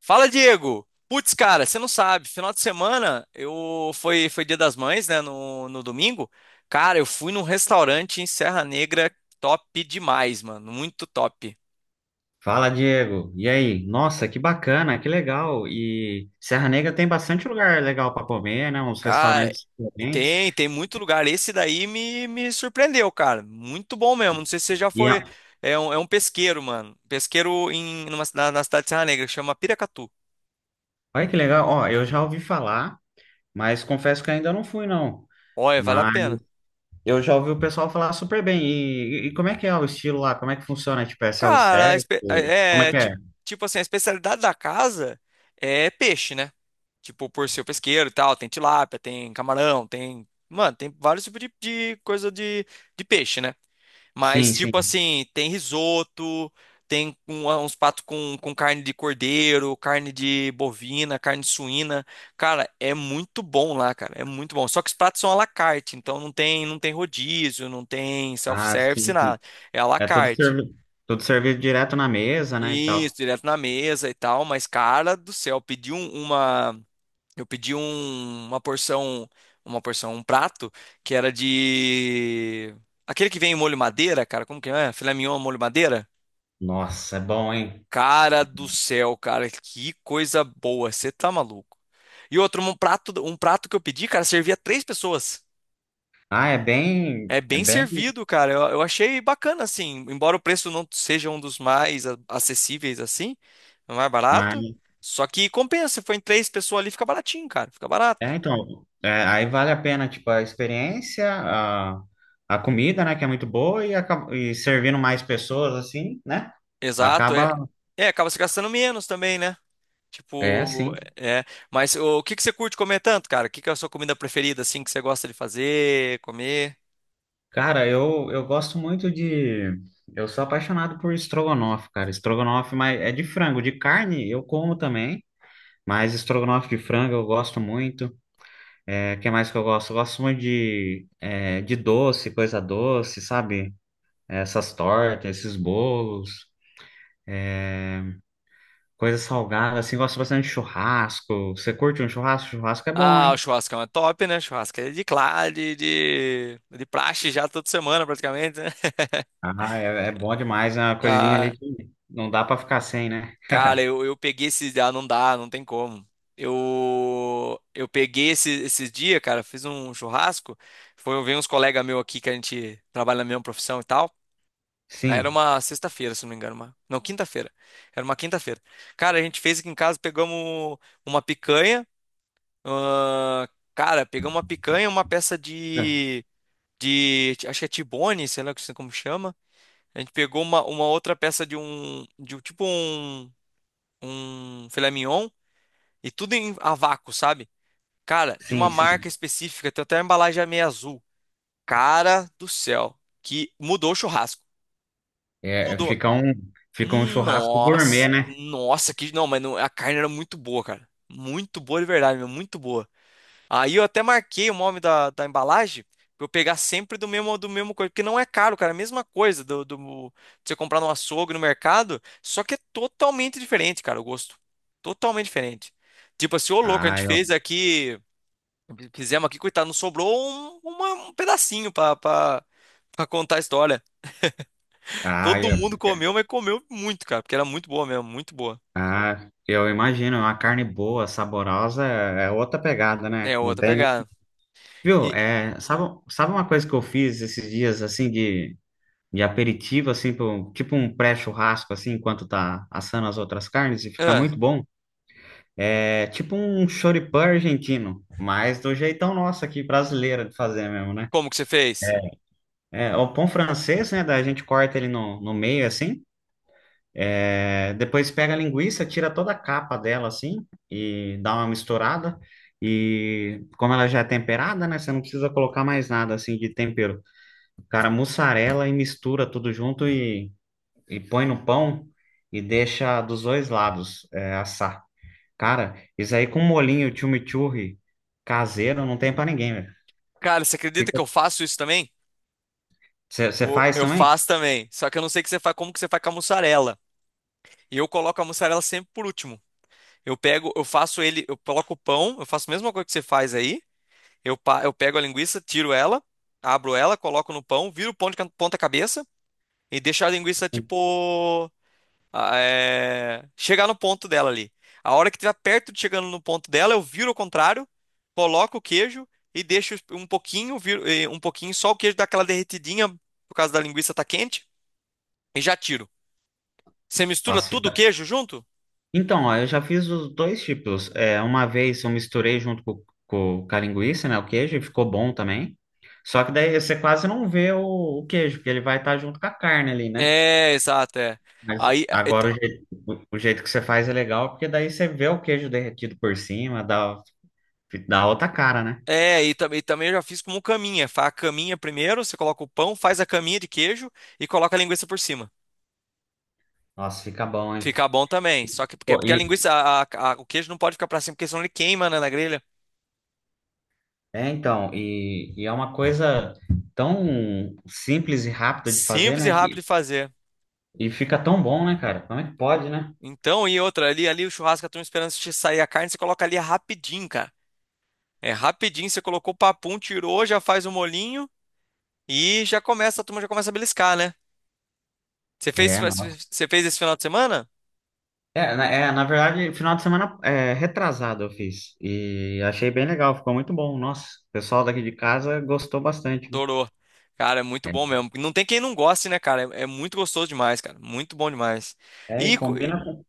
Fala, Diego! Putz, cara, você não sabe, final de semana eu foi Dia das Mães, né, no domingo. Cara, eu fui num restaurante em Serra Negra top demais, mano, muito top. Fala, Diego. E aí? Nossa, que bacana, que legal. E Serra Negra tem bastante lugar legal para comer, né? Uns Cara, restaurantes diferentes. tem muito lugar, esse daí me surpreendeu, cara. Muito bom mesmo. Não sei se você já E foi, é- é um pesqueiro, mano. Pesqueiro em na cidade de Serra Negra, que chama Piracatu. Olha que legal. Ó, eu já ouvi falar, mas confesso que ainda não fui, não. Olha, vale a Mas pena. eu já ouvi o pessoal falar super bem. E como é que é o estilo lá? Como é que funciona? Tipo, é Cara, a self-service? espe- Como é é, que ti- é? Tipo, assim, a especialidade da casa é peixe, né? Tipo, por ser pesqueiro e tal, tem tilápia, tem camarão, tem. Mano, tem vários tipos de coisa de peixe, né? Sim, Mas, tipo sim. assim, tem risoto, tem uns pratos com carne de cordeiro, carne de bovina, carne suína. Cara, é muito bom lá, cara. É muito bom. Só que os pratos são à la carte, então não tem, não tem rodízio, não tem Ah, sim, self-service, sim. nada. É à la É tudo carte. servido, tudo servido direto na mesa, né, e tal. Isso, direto na mesa e tal, mas cara do céu, eu pedi uma porção, um prato que era de aquele que vem em molho madeira, cara, como que é? Filé mignon molho madeira? Nossa, é bom, hein? Cara do céu, cara, que coisa boa, você tá maluco. E outro, um prato que eu pedi, cara, servia três pessoas. Ah, é bem, É é bem bem. servido, cara. Eu achei bacana, assim. Embora o preço não seja um dos mais acessíveis, assim, é mais barato. Só que compensa. Se for em três pessoas ali, fica baratinho, cara. Fica barato. É, então, é, aí vale a pena, tipo, a experiência, a comida, né, que é muito boa, e, e servindo mais pessoas, assim, né? Exato, é. Acaba, É, acaba se gastando menos também, né? é, Tipo, assim. é. Mas o, que que você curte comer tanto, cara? O que que é a sua comida preferida, assim, que você gosta de fazer, comer? Cara, eu gosto muito de... Eu sou apaixonado por estrogonofe, cara. Estrogonofe, mas é de frango, de carne eu como também, mas estrogonofe de frango eu gosto muito. É, que mais que eu gosto? Eu gosto muito de, é, de doce, coisa doce, sabe? Essas tortas, esses bolos. Coisa salgada, assim, gosto bastante de churrasco. Você curte um churrasco? Churrasco é bom, Ah, o hein? churrasco é uma top, né? Churrasco é de, de praxe já toda semana, praticamente, né? Ah, é, é bom demais, é uma coisinha Ah. ali que não dá pra ficar sem, né? Cara, eu peguei esse Ah, não dá, não tem como. Eu peguei esse, esses dias, cara, fiz um churrasco. Foi, veio uns colegas meus aqui que a gente trabalha na mesma profissão e tal. Aí era Sim, uma sexta-feira, se não me engano. Uma, não, quinta-feira. Era uma quinta-feira. Cara, a gente fez aqui em casa, pegamos uma picanha. Ah, cara, pegamos uma picanha, uma peça é, de. Acho que é tibone, sei lá como chama. A gente pegou uma outra peça de um. Um filé mignon e tudo em a vácuo, sabe? Cara, de uma sim, marca sim. específica, tem até a embalagem meio azul. Cara do céu, que mudou o churrasco. É, é, Mudou. Fica um churrasco gourmet, né? Que não, a carne era muito boa, cara. Muito boa de verdade, meu, muito boa. Aí eu até marquei o nome da embalagem pra eu pegar sempre do mesmo coisa, porque não é caro, cara, é a mesma coisa do de você comprar no açougue, no mercado, só que é totalmente diferente, cara, o gosto. Totalmente diferente. Tipo assim, ô louco, a Ah, gente fez eu, aqui. Fizemos aqui, coitado, não sobrou um pedacinho pra contar a história. ah, Todo eu, mundo comeu, mas comeu muito, cara, porque era muito boa mesmo, muito boa. ah, eu imagino, uma carne boa, saborosa, é é outra pegada, né? É, Não outra tem, né? pegada. Viu? E, É, sabe, sabe uma coisa que eu fiz esses dias, assim, de aperitivo, assim, tipo um pré-churrasco, assim, enquanto tá assando as outras carnes, e fica ah, muito bom. É tipo um choripã argentino, mas do jeitão nosso aqui, brasileiro, de fazer mesmo, né? como que você fez? É, o pão francês, né, da gente corta ele no meio, assim, é, depois pega a linguiça, tira toda a capa dela, assim, e dá uma misturada, e como ela já é temperada, né, você não precisa colocar mais nada, assim, de tempero. Cara, mussarela e mistura tudo junto e põe no pão e deixa dos dois lados é, assar. Cara, isso aí com molinho chimichurri caseiro não tem pra ninguém, velho. Cara, você acredita Fica... que eu faço isso também? Você Eu, faz eu também? faço também, só que eu não sei que você faz, como que você faz com a mussarela. E eu coloco a mussarela sempre por último. Eu pego, eu faço ele, eu coloco o pão, eu faço a mesma coisa que você faz aí. Eu pego a linguiça, tiro ela, abro ela, coloco no pão, viro o pão de ponta cabeça. E deixa a linguiça, tipo, chegar no ponto dela ali. A hora que estiver perto de chegando no ponto dela, eu viro ao contrário, coloco o queijo e deixo um pouquinho, um pouquinho só o queijo dá aquela derretidinha por causa da linguiça tá quente e já tiro. Você mistura Nossa, tudo o fica- queijo junto? Então, ó, eu já fiz os dois tipos. É, uma vez eu misturei junto com a linguiça, né, o queijo, e ficou bom também. Só que daí você quase não vê o queijo, porque ele vai estar junto com a carne ali, né? É, exato, é. Mas Aí, é, agora te- o jeito, o jeito que você faz é legal, porque daí você vê o queijo derretido por cima, dá, dá outra cara, né? E também, também eu já fiz como caminha. Faz a caminha primeiro, você coloca o pão, faz a caminha de queijo e coloca a linguiça por cima. Nossa, fica bom, hein? Fica bom também. Só que porque, Pô, porque a e- linguiça, o queijo não pode ficar pra cima, porque senão ele queima, né, na grelha. é, então, e é uma coisa tão simples e rápida de fazer, Simples e né? rápido que- de fazer. e fica tão bom, né, cara? Como é que pode, né? Então, e outra, ali o churrasco, a turma esperando se sair a carne, você coloca ali rapidinho, cara. É rapidinho, você colocou o papum, tirou, já faz o molinho e já começa, a turma já começa a beliscar, né? É, nossa. Você fez esse final de semana? É, na verdade, final de semana é, retrasado eu fiz. E achei bem legal, ficou muito bom. Nossa, o pessoal daqui de casa gostou bastante, viu? Adorou. Cara, é muito É, bom mesmo. Não tem quem não goste, né, cara? É, é muito gostoso demais, cara. Muito bom demais. é, e E, co-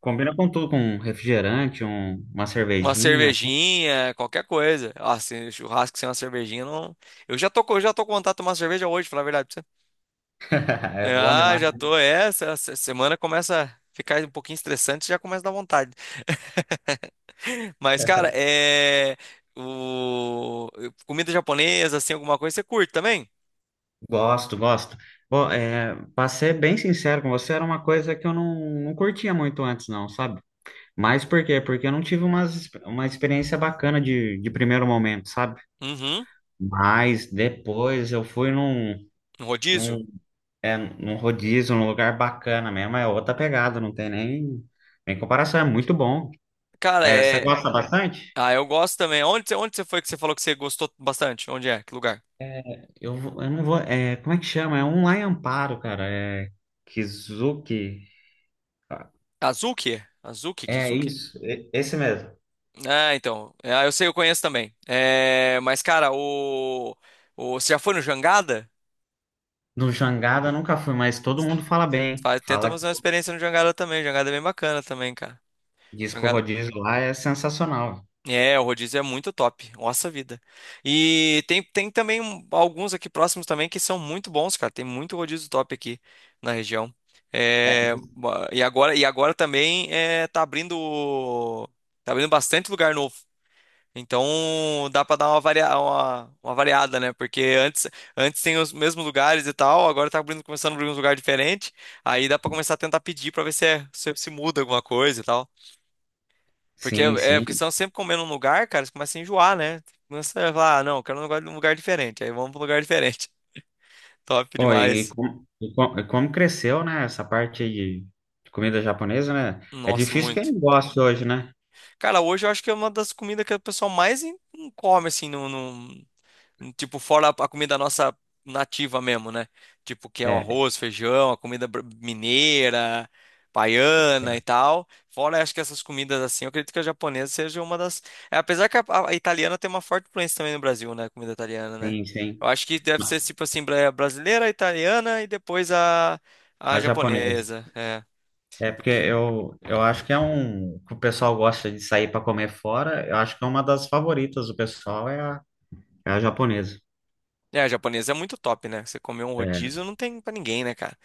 combina com tudo, com um refrigerante, uma Uma cervejinha. cervejinha, qualquer coisa. Ah, se churrasco sem uma cervejinha, não. Eu já tô com vontade de tomar cerveja hoje, pra falar a verdade pra você. É bom Ah, demais. já tô. É, essa semana começa a ficar um pouquinho estressante, já começa a dar vontade. Mas, cara, é. O... Comida japonesa, assim, alguma coisa, você curte também? Gosto, gosto. Bom, é, para ser bem sincero com você, era uma coisa que eu não, não curtia muito antes, não, sabe? Mas por quê? Porque eu não tive umas, uma experiência bacana de primeiro momento, sabe? Uhum. Mas depois eu fui num, Um rodízio? num, é, num rodízio, num lugar bacana mesmo, é outra pegada, não tem nem, nem comparação, é muito bom. Cara, É, você é. gosta bastante? Ah, eu gosto também. Onde, onde você foi que você falou que você gostou bastante? Onde é? Que lugar? Eu não vou. É, como é que chama? É um lá em Amparo, cara. É Kizuki. Azuki? Azuki? É Kizuki? isso, esse mesmo. Ah, então. É, ah, eu sei, eu conheço também. É, mas, cara, o. Você já foi no Jangada? No Jangada nunca fui, mas todo mundo fala bem. Tenta Fala que fazer uma experiência no Jangada também. Jangada é bem bacana também, cara. disco Jangada. rodízio lá é sensacional. É, o rodízio é muito top. Nossa vida. Tem também alguns aqui próximos também que são muito bons, cara. Tem muito rodízio top aqui na região. É, E agora também é, tá abrindo. Tá abrindo bastante lugar novo. Então dá pra dar uma, uma variada, né? Porque antes, antes tem os mesmos lugares e tal, agora tá abrindo, começando a abrir uns lugares diferentes. Aí dá pra começar a tentar pedir pra ver se, se muda alguma coisa e tal. Porque sim, é, sim. porque senão sempre comendo um lugar, cara, você começa a enjoar, né? Começa a falar, ah, não, quero um lugar diferente. Aí vamos pra um lugar diferente. Top Pô, demais. E como cresceu, né? Essa parte aí de comida japonesa, né? É Nossa, difícil quem muito. não goste hoje, né? Cara, hoje eu acho que é uma das comidas que o pessoal mais come, assim, no, tipo, fora a comida nossa nativa mesmo, né? Tipo, que é o É, arroz, feijão, a comida mineira, baiana e tal. Fora, acho que essas comidas assim, eu acredito que a japonesa seja uma das. É, apesar que a italiana tem uma forte influência também no Brasil, né? A comida italiana, né? sim, Eu sim. acho que deve ser tipo assim, brasileira, italiana e depois A a japonesa. japonesa. É. É porque Porque eu acho que é um que o pessoal gosta de sair para comer fora. Eu acho que é uma das favoritas do pessoal é a, é a japonesa. é, a japonesa é muito top, né? Você comer um É, rodízio não tem pra ninguém, né, cara?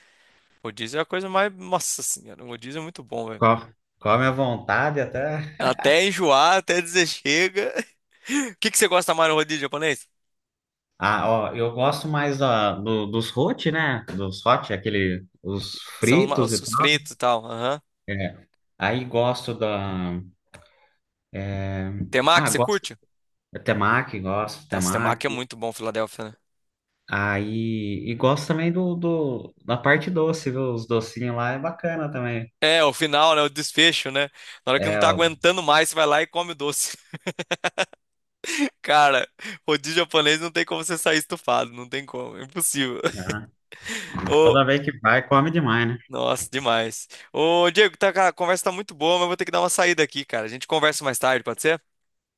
Rodízio é a coisa mais. Nossa senhora, o rodízio é muito bom, velho. co- come à vontade até. Até enjoar, até dizer chega. O que que você gosta mais no rodízio japonês? Ah, ó, eu gosto mais da, dos hot, né? Dos hot, aquele, os São os, fritos e os tal. fritos e tal. Aham. É. Aí gosto da. É, Temaki, ah, você gosto curte? da temaki, gosto de Essa temaki é temaki. muito bom, Filadélfia, né? Aí, e gosto também do, do, da parte doce, viu? Os docinhos lá é bacana também. É, o final, né? O desfecho, né? Na hora que não É, tá ó, aguentando mais, você vai lá e come o doce. Cara, rodízio japonês não tem como você sair estufado. Não tem como. É impossível. né? Ô, Toda vez que vai, come demais, né? nossa, demais. Ô, Diego, tá, cara, a conversa tá muito boa, mas eu vou ter que dar uma saída aqui, cara. A gente conversa mais tarde, pode ser?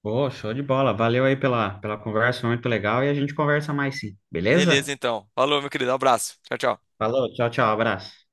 Pô, show de bola. Valeu aí pela, pela conversa, foi muito legal. E a gente conversa mais sim, Beleza, beleza? então. Falou, meu querido. Um abraço. Tchau, tchau. Falou, tchau, tchau, abraço.